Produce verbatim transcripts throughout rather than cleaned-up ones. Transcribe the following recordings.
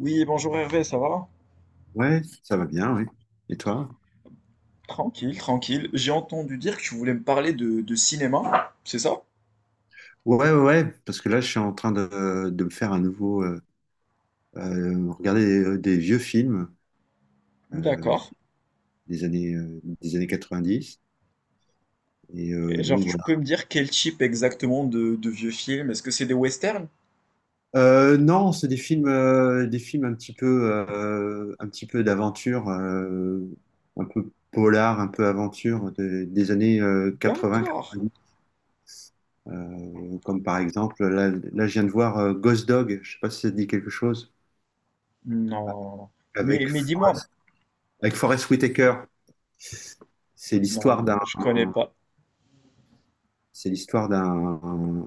Oui, bonjour Hervé, ça va? Ouais, ça va bien, oui. Et toi? Tranquille, tranquille. J'ai entendu dire que tu voulais me parler de, de cinéma, c'est ça? Ouais, ouais, ouais, parce que là, je suis en train de, de me faire un nouveau, euh, euh, regarder des, des vieux films euh, D'accord. des années, euh, des années quatre-vingt-dix. Et Et euh, genre, donc tu voilà. peux me dire quel type exactement de, de vieux films? Est-ce que c'est des westerns? Euh, non, c'est des films, euh, des films un petit peu, euh, un petit peu d'aventure, euh, un peu polar, un peu aventure de- des années D'accord. quatre-vingt quatre-vingt-dix. Comme par exemple, là, là, je viens de voir euh, Ghost Dog. Je sais pas si ça te dit quelque chose. Non. Mais, Avec mais dis-moi. Forrest... Avec Forest Whitaker. C'est l'histoire Non, d'un, je connais pas. c'est l'histoire d'un,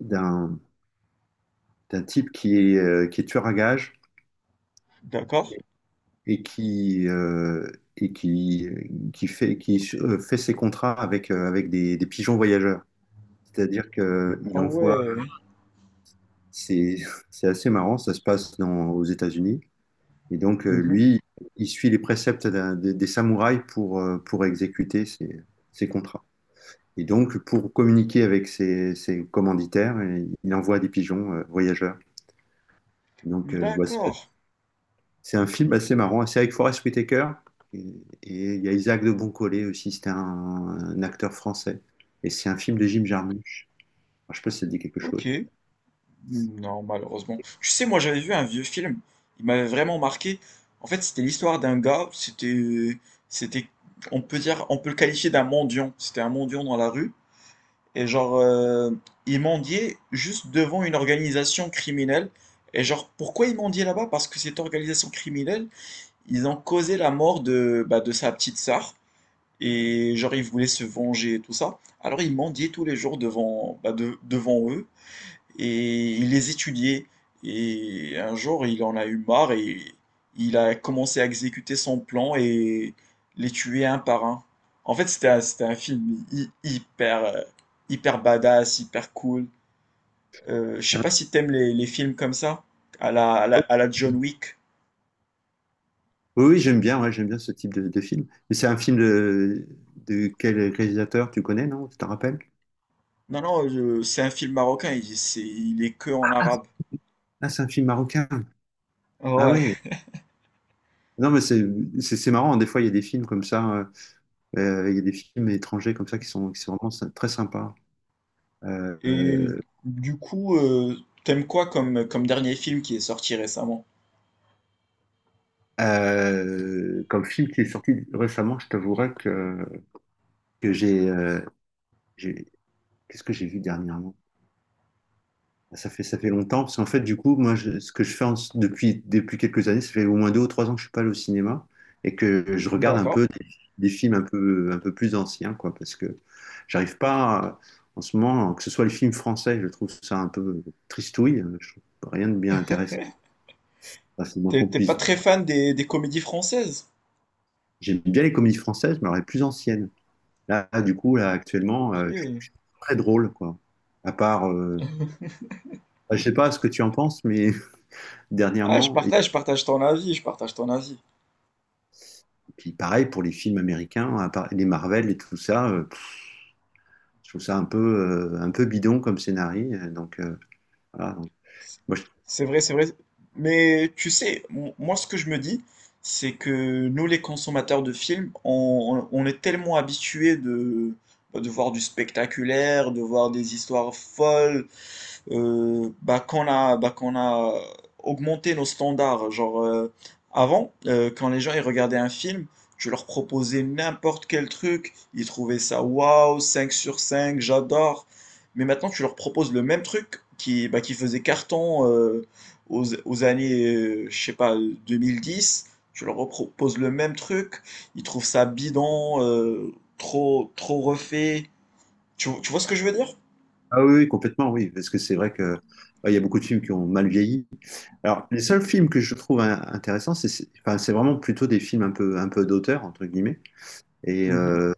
d'un, d'un type qui est, euh, qui est tueur à gages D'accord. et qui, euh, et qui, qui fait, qui euh, fait ses contrats avec, euh, avec des, des pigeons voyageurs. C'est-à-dire Ah qu'il envoie, ouais. c'est, c'est assez marrant, ça se passe dans, aux États-Unis. Et donc, euh, Mhm. lui, il suit les préceptes d'un- des, des samouraïs pour, euh, pour exécuter ses, ses contrats. Et donc, pour communiquer avec ses, ses commanditaires, il envoie des pigeons euh, voyageurs. Donc, euh, bah, ça- D'accord. c'est un film assez marrant. C'est avec Forest Whitaker et et il y a Isaac de Boncollet aussi. C'était un, un acteur français. Et c'est un film de Jim Jarmusch. Alors, je sais pas si ça te dit quelque chose. Ok. Non, malheureusement. Tu sais, moi j'avais vu un vieux film, il m'avait vraiment marqué. En fait, c'était l'histoire d'un gars, c'était, c'était, on peut dire, on peut le qualifier d'un mendiant. C'était un mendiant dans la rue, et genre, euh, il mendiait juste devant une organisation criminelle. Et genre, pourquoi il mendiait là-bas? Parce que cette organisation criminelle, ils ont causé la mort de, bah, de sa petite sœur, et genre, il voulait se venger et tout ça. Alors, il mendiait tous les jours devant, bah, de- devant eux et il les étudiait. Et un jour, il en a eu marre et il a commencé à exécuter son plan et les tuer un par un. En fait, c'était un, c'était un film hy- hyper, euh, hyper badass, hyper cool. Euh, je sais Hein, pas si t'aimes les, les films comme ça, à la, à la, à la John Wick. oui, oui, j'aime bien. Ouais, j'aime bien ce type de, de film. Mais c'est un film de, de quel réalisateur tu connais, non? Tu t'en rappelles? Non, non, euh, c'est un film marocain, il, c'est, il est que en arabe. Ah, c'est un film marocain. Ah Ouais. ouais. Non, mais c'est c'est- c'est marrant. Des fois, il y a des films comme ça. euh, Euh, Il y a des films étrangers comme ça qui sont, qui sont vraiment sy- très sympas. Euh, Et euh, du coup, euh, t'aimes quoi comme, comme dernier film qui est sorti récemment? Euh, comme film qui est sorti récemment, je t'avouerai que, que j'ai, euh, j'ai- qu'est-ce que j'ai vu dernièrement? Ah, ça fait, ça fait longtemps, parce qu'en fait, du coup, moi, je- ce que je fais en- depuis, depuis quelques années, ça fait au moins deux ou trois ans que je suis pas allé au cinéma et que je regarde un D'accord. peu des, des films un peu, un peu plus anciens, quoi, parce que j'arrive pas, à- en ce moment, que ce soit les films français, je trouve ça un peu tristouille, je trouve rien de bien intéressant. Enfin, c'est le moins T'es qu'on t'es puisse pas dire. très fan des, des comédies françaises? J'aime bien les comédies françaises, mais alors les plus anciennes. Là, du coup, là, actuellement, Ok. euh, je je suis très drôle, quoi. À part, euh, bah, je sais pas ce que tu en penses, mais Ah, je dernièrement, et partage, je partage ton avis, je partage ton avis. puis pareil pour les films américains, à part les Marvel et tout ça, euh, pff, je trouve ça un peu, euh, un peu bidon comme scénario. euh, Donc, euh, voilà. Donc, moi, je- C'est vrai, c'est vrai. Mais tu sais, m- moi ce que je me dis, c'est que nous les consommateurs de films, on, on- on est tellement habitués de, bah, de voir du spectaculaire, de voir des histoires folles, euh, bah, qu'on a, bah, qu'on a augmenté nos standards. Genre, euh, avant, euh, quand les gens ils regardaient un film, tu leur proposais n'importe quel truc, ils trouvaient ça waouh, cinq sur cinq j'adore. Mais maintenant, tu leur proposes le même truc qui, bah, qui faisait carton euh, aux, aux années, euh, je sais pas, vingt dix. Tu leur proposes le même truc, ils trouvent ça bidon, euh, trop, trop refait. Tu, tu vois ce que je veux dire? Ah oui, oui, complètement, oui, parce que c'est vrai que ouais, il y a beaucoup de films qui ont mal vieilli. Alors, les seuls films que je trouve hein, intéressants, c'est c'est- enfin, c'est vraiment plutôt des films un peu, un peu d'auteur, entre guillemets. Et Mhm. euh,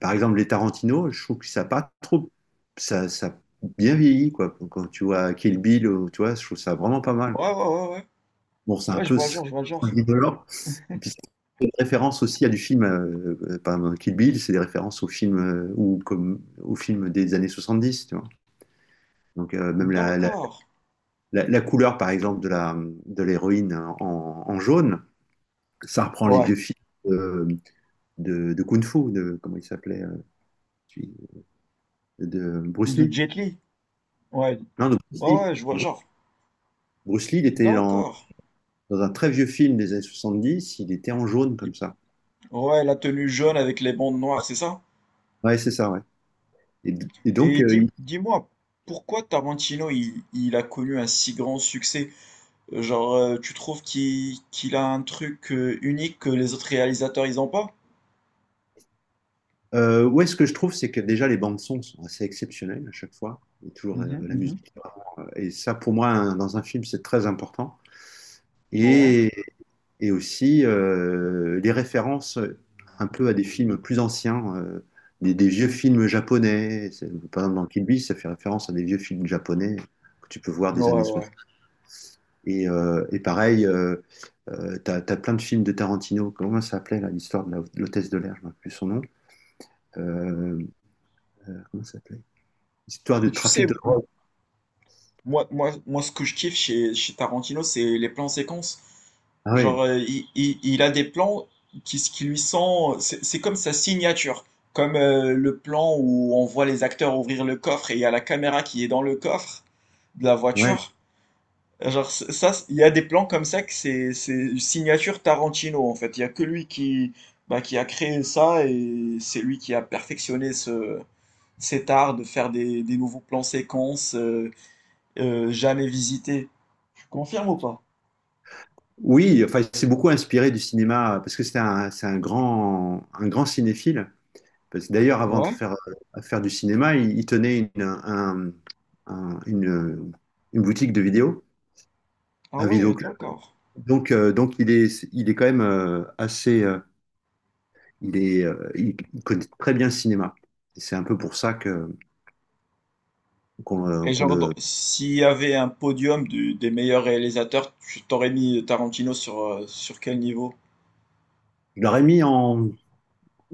par exemple, les Tarantino, je trouve que ça a pas trop, ça, ça a bien vieilli quoi. Quand tu vois Kill Bill, ou- tu vois, je trouve ça vraiment pas mal quoi. Ouais, ouais, ouais, ouais. Bon, c'est un Ouais, je peu vois le s- genre, je vois le genre. indolore. Et puis c'est une référence aussi à du film, euh, euh, par exemple, Kill Bill, c'est des références au film euh, ou comme au film des années soixante-dix, tu vois. Donc euh, même la, la, D'accord. la- la couleur, par exemple, de la de l'héroïne en, en jaune, ça reprend les Ouais. vieux films. euh, De, de Kung Fu, de, comment il s'appelait, euh, celui- de Bruce De Lee. Jet Li. Ouais. Non, de Bruce Ouais, Lee. ouais, je vois le Bru- genre. Bruce Lee, il était dans, D'accord. dans un très vieux film des années soixante-dix, il était en jaune Il- comme ça. Ouais, la tenue jaune avec les bandes noires, c'est ça? Ouais, c'est ça, ouais. Et, d- et donc, Et euh, dis, il- dis-moi, pourquoi Tarantino, il, il a connu un si grand succès? Euh, Genre, euh, tu trouves qu'il qu'il a un truc euh, unique que les autres réalisateurs, ils ont pas? euh, ouais, ce que je trouve, c'est que déjà les bandes son sont assez exceptionnelles à chaque fois. Et toujours euh, Mhm, la mhm. musique. Et ça, pour moi, un- dans un film, c'est très important. Ouais. Et, et aussi euh, les références un peu à des films plus anciens, euh, des, des vieux films japonais. C'est- Par exemple, dans Kill Bill, ça fait référence à des vieux films japonais que tu peux voir des Ouais, années... ouais. Et, euh, et pareil, euh, euh, t'as, t'as plein de films de Tarantino. Comment ça s'appelait là, l'histoire de la- de l'hôtesse de l'air, je ne me rappelle plus son nom. Euh, comment ça s'appelait? L'histoire de Mais tu trafic sais, de drogue. Moi, moi, moi, ce que je kiffe chez, chez Tarantino, c'est les plans séquences. Ah ouais, Genre, euh, il, il- il a des plans qui, qui lui sont. C'est c'est comme sa signature. Comme euh, le plan où on voit les acteurs ouvrir le coffre et il y a la caméra qui est dans le coffre de la ouais. voiture. Genre, c- ça, c- il y a des plans comme ça que c'est c'est une signature Tarantino en fait. Il y a que lui qui, bah, qui a créé ça et c'est lui qui a perfectionné ce, cet art de faire des, des nouveaux plans séquences. euh, euh, jamais visité. Tu confirmes ou pas? Oui, enfin, c'est beaucoup inspiré du cinéma parce que c'est un, c'est un grand, un grand cinéphile. Parce que d'ailleurs, avant de Ouais? faire, euh, faire du cinéma, il, il tenait une, un- un- une, une boutique de vidéos, Ah un ouais, vidéoclub. d'accord. Donc, euh, donc il est, il est quand même euh, assez, euh, il est, euh, il connaît très bien le cinéma. Et c'est un peu pour ça que qu'on le- Et qu'on genre, le, dans- s'il y avait un podium du- des meilleurs réalisateurs, tu t'aurais mis Tarantino sur, euh, sur quel niveau? je l'aurais mis en,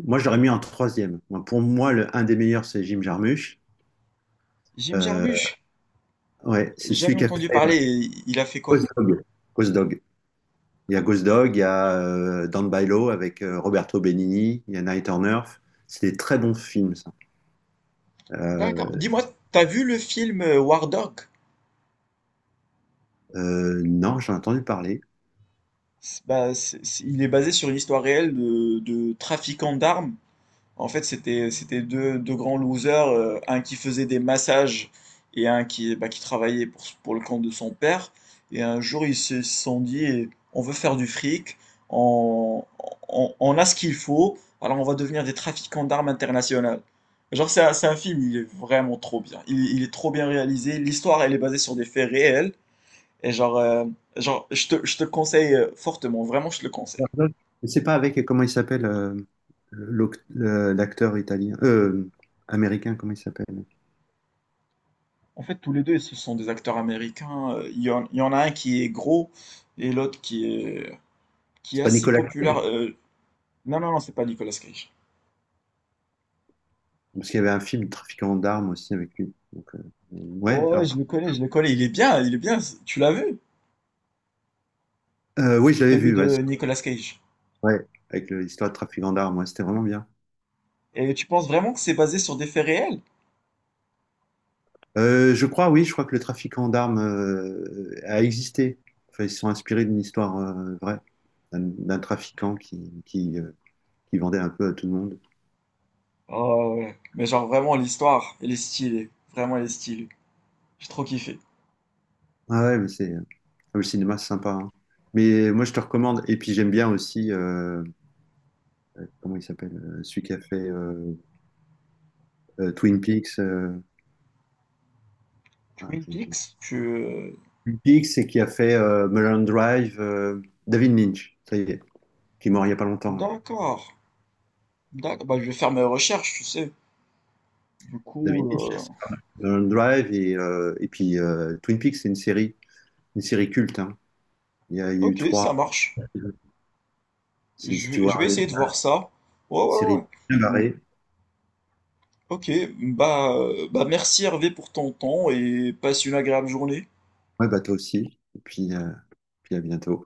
moi je l'aurais mis en troisième. Moi, pour moi, le, un des meilleurs, c'est Jim Jarmusch. Jim Euh, Jarmusch? ouais, c'est celui Jamais qui a entendu fait parler, et il a fait quoi? Ghost Dog. Ghost Dog. Il y a Ghost Dog, il y a euh, Down by Law avec euh, Roberto Benigni, il y a Night on Earth. C'est des très bons films, ça. Euh, D'accord. Dis-moi, t'as vu le film euh, War Dog? euh, non, j'en ai entendu parler. C'est- Bah, c'est- c'est- il est basé sur une histoire réelle de, de trafiquants d'armes. En fait, c'était c'était deux, deux grands losers, euh, un qui faisait des massages et un qui, bah, qui travaillait pour, pour le compte de son père. Et un jour, ils se sont dit, eh, on veut faire du fric, on, on, on a ce qu'il faut, alors on va devenir des trafiquants d'armes internationales. Genre, c'est un, c'est un film, il est vraiment trop bien. Il, il est trop bien réalisé. L'histoire, elle est basée sur des faits réels. Et genre, euh, genre je te, je te conseille euh, fortement, vraiment, je te le conseille. Je sais pas avec comment il s'appelle euh, l'oc- le- l'acteur italien, euh, américain, comment il s'appelle. En fait, tous les deux, ce sont des acteurs américains. Euh, Il y en, il y en a un qui est gros et l'autre qui est, qui C'est est pas assez Nicolas Cage, populaire. Euh, Non, non, non, c'est pas Nicolas Cage. parce qu'il y avait un film Trafiquant d'armes aussi avec lui. Donc, euh, euh, ouais, Oh, ouais, je alors, le connais, je le connais. Il est bien, il est bien. Tu l'as vu? euh, oui, je l'avais Celui vu, ouais, de c'est- Nicolas Cage. ouais, avec le- l'histoire de Trafiquant d'armes, ouais, c'était vraiment bien. Et tu penses vraiment que c'est basé sur des faits réels? Euh, je crois, oui, je crois que le Trafiquant d'armes euh, a existé. Enfin, ils se sont inspirés d'une histoire euh, vraie, d'un d'un trafiquant qui, qui, euh, qui vendait un peu à tout le monde. Oh, ouais. Mais genre, vraiment, l'histoire, elle est stylée. Vraiment, elle est stylée. J'ai trop kiffé. Ah ouais, mais c'est, ah oui, le cinéma, c'est sympa, hein. Mais moi, je te recommande. Et puis, j'aime bien aussi, euh, euh, comment il s'appelle, euh, celui qui a fait euh, euh, Twin Peaks. euh, ah, Twin j'ai- j'ai- Peaks, tu... euh, Big, c'est qui a fait euh, Mulholland Drive, euh, David Lynch, ça y est, qui est mort il n'y a pas longtemps, hein. D'accord. D'accord. Bah, je vais faire mes recherches, tu sais. Du David coup, Lynch, euh, Mulholland Drive et, euh, et puis euh, Twin Peaks, c'est une série, une série culte, hein. Il y a, il y a eu ok, trois, ça marche. si, Je si tu vais, vois, je vais essayer de voir ça. Ouais, une ouais, série ouais. bien Hmm, barrée. Ok, bah, euh, bah merci Hervé pour ton temps et passe une agréable journée. Ouais, bah toi aussi. Et puis, euh, puis à bientôt.